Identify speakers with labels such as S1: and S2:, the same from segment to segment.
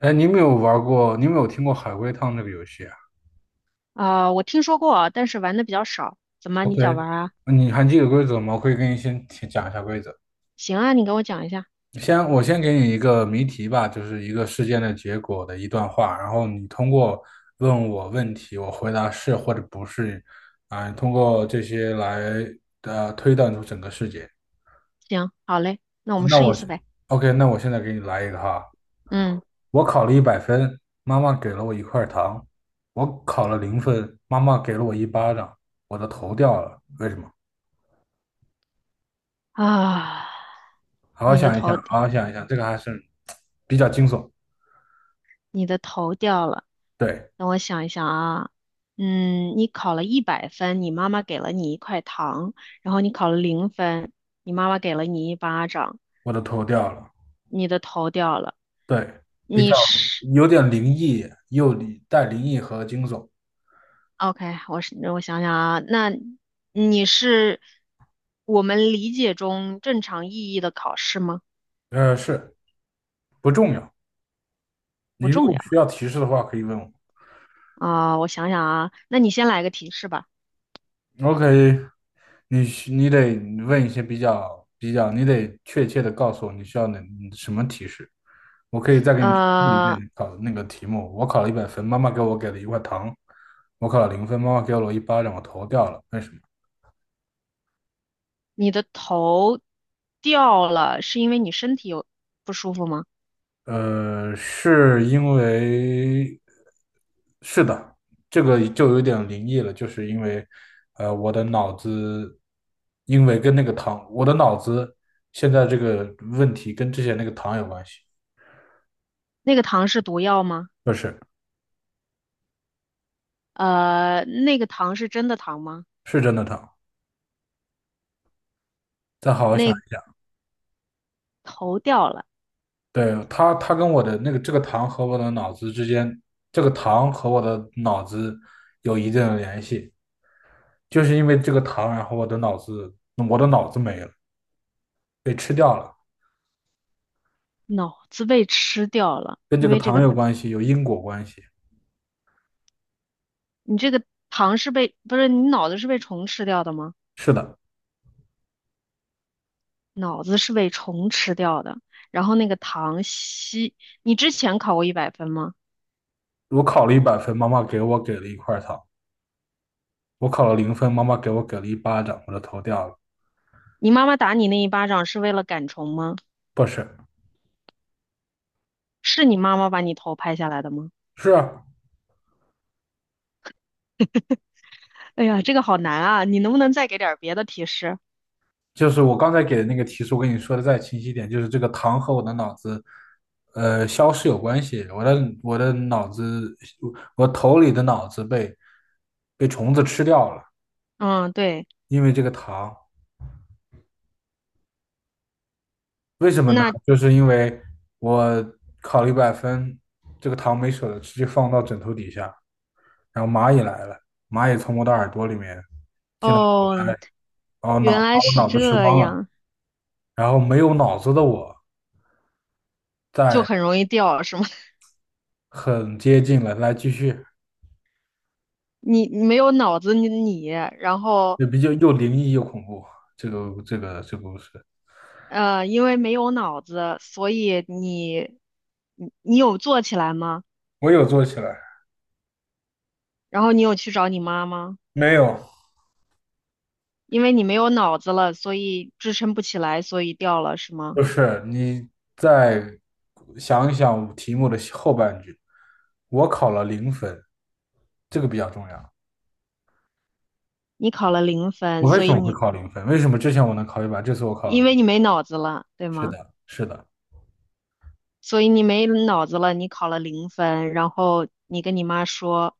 S1: 哎，你有没有玩过？你有没有听过海龟汤这个游戏啊
S2: 我听说过，但是玩的比较少。怎么，你想
S1: ？OK，
S2: 玩啊？
S1: 你还记得规则吗？我可以给你先提讲一下规则。
S2: 行啊，你给我讲一下。
S1: 我先给你一个谜题吧，就是一个事件的结果的一段话，然后你通过问我问题，我回答是或者不是，通过这些来推断出整个事件。
S2: 行，好嘞，那我们
S1: 那
S2: 试一
S1: 我
S2: 次呗。
S1: OK，那我现在给你来一个哈。
S2: 嗯。
S1: 我考了一百分，妈妈给了我一块糖；我考了零分，妈妈给了我一巴掌，我的头掉了。为什么？
S2: 啊，
S1: 好好
S2: 你的
S1: 想一
S2: 头，
S1: 想，好好想一想，这个还是比较惊悚。
S2: 你的头掉了。
S1: 对，
S2: 等我想一想啊。嗯，你考了一百分，你妈妈给了你一块糖，然后你考了零分，你妈妈给了你一巴掌，
S1: 我的头掉了，
S2: 你的头掉了。
S1: 对，比
S2: 你
S1: 较
S2: 是
S1: 有点灵异，又里带灵异和惊悚。
S2: OK，我想想啊，那你是我们理解中正常意义的考试吗？
S1: 是不重要。你
S2: 不
S1: 如
S2: 重
S1: 果需
S2: 要。
S1: 要提示的话，可以问我。
S2: 啊，我想想啊，那你先来个提示吧。
S1: OK，你得问一些比较，你得确切的告诉我你需要什么提示。我可以再给你提一遍
S2: 呃，
S1: 考的那个题目。我考了一百分，妈妈给了一块糖；我考了零分，妈妈给了我一巴掌，我头掉了。为什么？
S2: 你的头掉了，是因为你身体有不舒服吗？
S1: 是因为，是的，这个就有点灵异了，就是因为，我的脑子，因为跟那个糖，我的脑子现在这个问题跟之前那个糖有关系。
S2: 那个糖是毒药吗？
S1: 不是，
S2: 呃，那个糖是真的糖吗？
S1: 是真的糖。再好好想
S2: 那
S1: 一下。
S2: 头掉了。
S1: 对，他跟我的那个这个糖和我的脑子之间，这个糖和我的脑子有一定的联系，就是因为这个糖，我的脑子没了，被吃掉了，
S2: 脑子被吃掉了，
S1: 跟这
S2: 因
S1: 个
S2: 为这
S1: 糖
S2: 个，
S1: 有关系，有因果关系。
S2: 你这个糖是被，不是，你脑子是被虫吃掉的吗？
S1: 是的，
S2: 脑子是被虫吃掉的。然后那个糖吸，你之前考过一百分吗？
S1: 我考了一百分，妈妈给了一块糖；我考了零分，妈妈给了一巴掌，我的头掉了。
S2: 你妈妈打你那一巴掌是为了赶虫吗？
S1: 不是，
S2: 是你妈妈把你头拍下来的吗？
S1: 是啊，
S2: 哎呀，这个好难啊！你能不能再给点儿别的提示？
S1: 就是我刚才给的那个提示，我跟你说的再清晰一点，就是这个糖和我的脑子，消失有关系。我的脑子，我头里的脑子被虫子吃掉了，
S2: 嗯，对。
S1: 因为这个糖。为什么呢？
S2: 那
S1: 就是因为我考了一百分，这个糖没舍得吃，就放到枕头底下。然后蚂蚁来了，蚂蚁从我的耳朵里面进了脑袋，
S2: 哦，
S1: 然后
S2: 原来
S1: 把我
S2: 是
S1: 脑子吃
S2: 这
S1: 光了。
S2: 样。
S1: 然后没有脑子的我，
S2: 就
S1: 再
S2: 很容易掉，是吗？
S1: 很接近了，来继续。
S2: 你没有脑子，你然后
S1: 就比较又灵异又恐怖。这个故事，
S2: 因为没有脑子，所以你你有做起来吗？
S1: 我有做起来，
S2: 然后你有去找你妈吗？
S1: 没有，
S2: 因为你没有脑子了，所以支撑不起来，所以掉了，是
S1: 不
S2: 吗？
S1: 是，你再想一想题目的后半句，我考了零分，这个比较重要。
S2: 你考了零分，
S1: 我为
S2: 所
S1: 什
S2: 以
S1: 么会
S2: 你
S1: 考零分？为什么之前我能考一百，这次我考了
S2: 因
S1: 零
S2: 为
S1: 分？
S2: 你没脑子了，对
S1: 是
S2: 吗？
S1: 的，是的。
S2: 所以你没脑子了，你考了零分，然后你跟你妈说，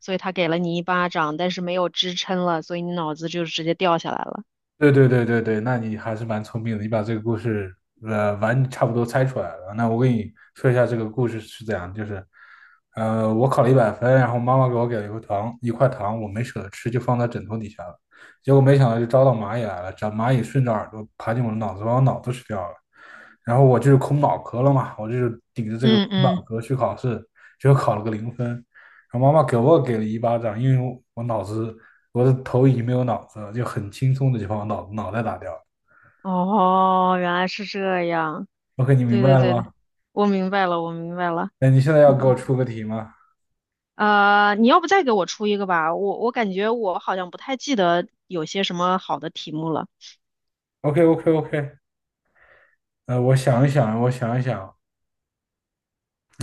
S2: 所以她给了你一巴掌，但是没有支撑了，所以你脑子就直接掉下来了。
S1: 对对对对对，那你还是蛮聪明的，你把这个故事差不多猜出来了。那我给你说一下这个故事是怎样，就是我考了一百分，然后妈妈给了一块糖，一块糖我没舍得吃，就放在枕头底下了。结果没想到就招到蚂蚁来了，长蚂蚁顺着耳朵爬进我的脑子，把我脑子吃掉了。然后我就是空脑壳了嘛，我就是顶着这个
S2: 嗯
S1: 空脑
S2: 嗯。
S1: 壳去考试，结果考了个零分。我妈妈给了一巴掌，因为我我脑子我的头已经没有脑子了，就很轻松的就把我脑袋打掉了。
S2: 哦，原来是这样。
S1: OK，你明
S2: 对对
S1: 白了
S2: 对对，
S1: 吗？
S2: 我明白了，我明白了。
S1: 哎，你现在要给我
S2: 嗯，
S1: 出个题吗
S2: 呃，你要不再给我出一个吧？我感觉我好像不太记得有些什么好的题目了。
S1: ？OK OK OK，我想一想，我想一想，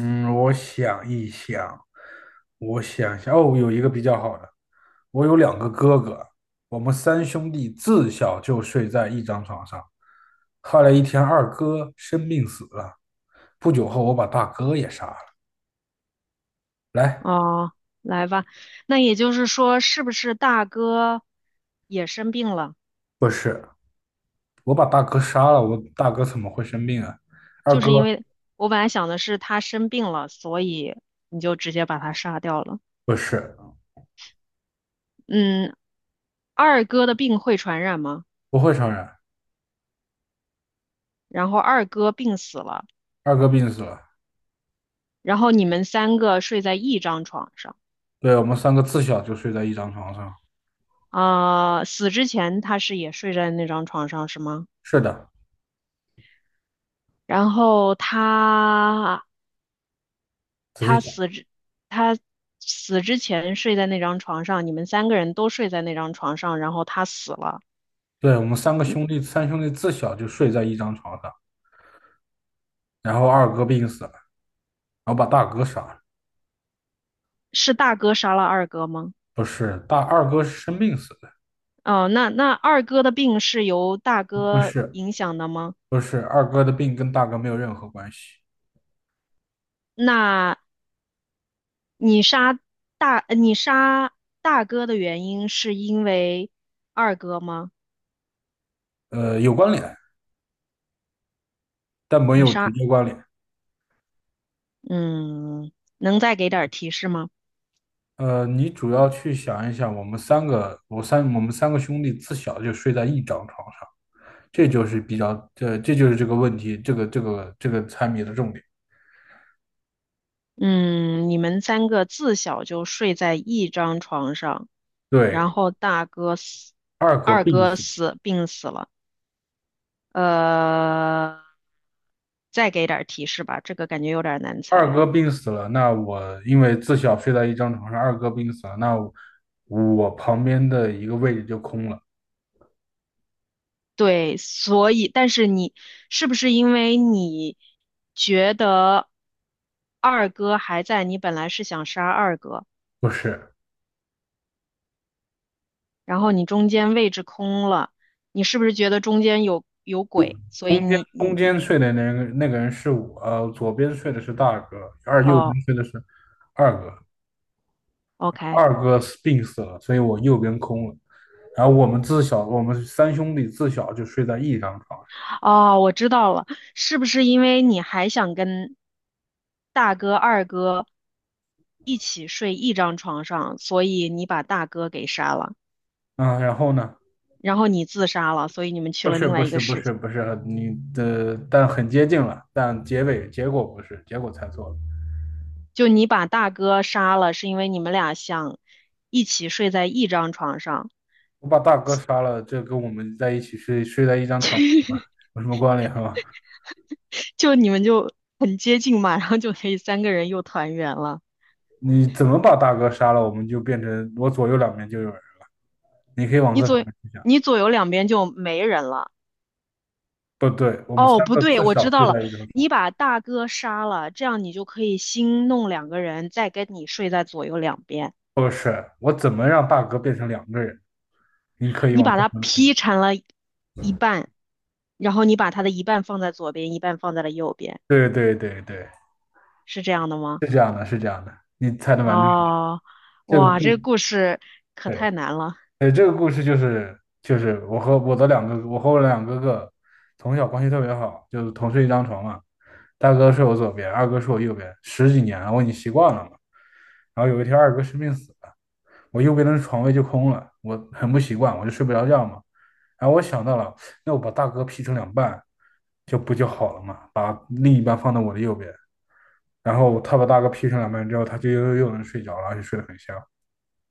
S1: 嗯，我想一想，我想一想，哦，有一个比较好的，我有两个哥哥，我们三兄弟自小就睡在一张床上，后来一天二哥生病死了，不久后我把大哥也杀了。来，
S2: 哦，来吧。那也就是说，是不是大哥也生病了？
S1: 不是，我把大哥杀了，我大哥怎么会生病啊？二
S2: 就
S1: 哥
S2: 是因为我本来想的是他生病了，所以你就直接把他杀掉了。
S1: 不是，
S2: 嗯，二哥的病会传染吗？
S1: 不会传染，
S2: 然后二哥病死了，
S1: 二哥病死了。
S2: 然后你们三个睡在一张床上。
S1: 对，我们三个自小就睡在一张床上。
S2: 死之前他是也睡在那张床上是吗？
S1: 是的，
S2: 然后他
S1: 仔细
S2: 他
S1: 讲，
S2: 死之他死之前睡在那张床上，你们三个人都睡在那张床上，然后他死了，
S1: 对，我们三个兄弟，三兄弟自小就睡在一张床上。然后二哥病死了，然后把大哥杀了。
S2: 是大哥杀了二哥吗？
S1: 不是，二哥是生病死的，
S2: 哦，那那二哥的病是由大
S1: 不
S2: 哥
S1: 是，
S2: 影响的吗？
S1: 不是，二哥的病跟大哥没有任何关系，
S2: 那你杀你杀大哥的原因是因为二哥吗？
S1: 有关联，但没
S2: 你
S1: 有直
S2: 杀，
S1: 接关联。
S2: 嗯，能再给点儿提示吗？
S1: 你主要去想一想，我们三个兄弟自小就睡在一张床上，这就是比较，这就是这个问题，这个猜谜的重点。
S2: 嗯，你们三个自小就睡在一张床上，然
S1: 对，
S2: 后大哥死，
S1: 二哥
S2: 二
S1: 病
S2: 哥
S1: 死，
S2: 死，病死了。呃，再给点儿提示吧，这个感觉有点儿难
S1: 二
S2: 猜。
S1: 哥病死了，那我因为自小睡在一张床上，二哥病死了，我旁边的一个位置就空了，
S2: 对，所以，但是你是不是因为你觉得二哥还在，你本来是想杀二哥，
S1: 不是，
S2: 然后你中间位置空了，你是不是觉得中间有鬼，所以
S1: 中间中间睡的那个人是我，左边睡的是大哥，而右
S2: 哦
S1: 边睡的是二哥，
S2: ，OK。
S1: 二哥病死了，所以我右边空了。我们三兄弟自小就睡在一张床上。
S2: 哦，我知道了，是不是因为你还想跟大哥、二哥一起睡一张床上，所以你把大哥给杀了，
S1: 嗯，然后呢？
S2: 然后你自杀了，所以你们去
S1: 不
S2: 了
S1: 是，
S2: 另
S1: 不
S2: 外一个
S1: 是，不
S2: 世
S1: 是，
S2: 界。
S1: 不是，你的，但很接近了，但结尾结果不是，结果猜错了。
S2: 就你把大哥杀了，是因为你们俩想一起睡在一张床上，
S1: 我把大哥杀了，这跟我们在一起睡在一张床上有什么关联吗？
S2: 就你们就很接近嘛，然后就可以三个人又团圆了。
S1: 你怎么把大哥杀了，我们就变成我左右两边就有人了。你可以往
S2: 你
S1: 这方
S2: 左
S1: 面去想。
S2: 你左右两边就没人了。
S1: 不对，我们
S2: 哦，
S1: 三
S2: 不
S1: 个
S2: 对，
S1: 自
S2: 我
S1: 小
S2: 知
S1: 睡
S2: 道了，
S1: 在一张床。
S2: 你把大哥杀了，这样你就可以新弄两个人，再跟你睡在左右两边。
S1: 不是，我怎么让大哥变成两个人？你可以
S2: 你
S1: 往
S2: 把
S1: 这
S2: 他
S1: 方面。
S2: 劈成了一半，然后你把他的一半放在左边，一半放在了右边，
S1: 对对对对。
S2: 是这样的吗？
S1: 是这样的，是这样的，你猜的蛮对。
S2: 哦，
S1: 这个
S2: 哇，
S1: 故，
S2: 这个故事可太
S1: 对，
S2: 难了！
S1: 这个故事就是我和我两个哥哥从小关系特别好，就是同睡一张床嘛。大哥睡我左边，二哥睡我右边，十几年了，我已经习惯了嘛。然后有一天二哥生病死了，我右边的床位就空了，我很不习惯，我就睡不着觉嘛。然后我想到了，那我把大哥劈成两半，就不就好了嘛？把另一半放到我的右边，然后他把大哥劈成两半之后，他就又能睡着了，而且睡得很香。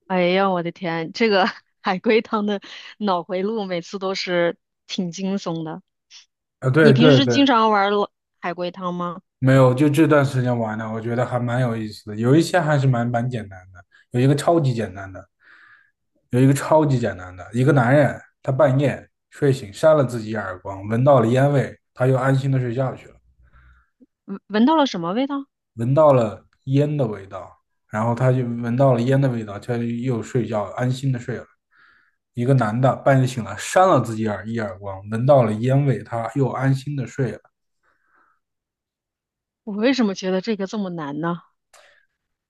S2: 哎呀，我的天，这个 海龟汤的脑回路每次都是挺惊悚的。
S1: 啊，对
S2: 你平
S1: 对
S2: 时
S1: 对，
S2: 经常玩儿海龟汤吗？
S1: 没有，就这段时间玩的，我觉得还蛮有意思的，有一些还是蛮简单的，有一个超级简单的，有一个超级简单的，一个男人他半夜睡醒扇了自己一耳光，闻到了烟味，他又安心的睡觉去了，
S2: 闻到了什么味道？
S1: 闻到了烟的味道，然后他就闻到了烟的味道，他就又睡觉，安心的睡了。一个男的半夜醒来扇了自己一耳光，闻到了烟味，他又安心的睡了。
S2: 我为什么觉得这个这么难呢？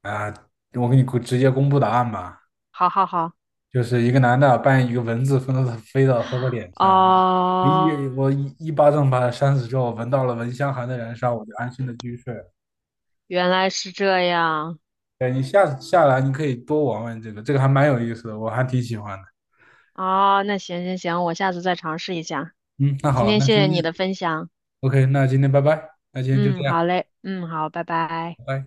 S1: 啊，我给你直接公布答案吧。
S2: 好好好。
S1: 就是一个男的扮演一个蚊子飞到他的脸上，
S2: 哦，
S1: 一我一一巴掌把他扇死之后，闻到了蚊香还在燃烧，我就安心的继续睡了。
S2: 原来是这样。
S1: 对，你下次下来你可以多玩玩这个，这个还蛮有意思的，我还挺喜欢的。
S2: 哦，那行行行，我下次再尝试一下。
S1: 嗯，那
S2: 今
S1: 好，
S2: 天
S1: 那
S2: 谢谢
S1: 今
S2: 你
S1: 天
S2: 的分享，
S1: OK，那今天拜拜，那今天就这
S2: 嗯，
S1: 样，
S2: 好嘞，嗯，好，拜拜。
S1: 拜拜。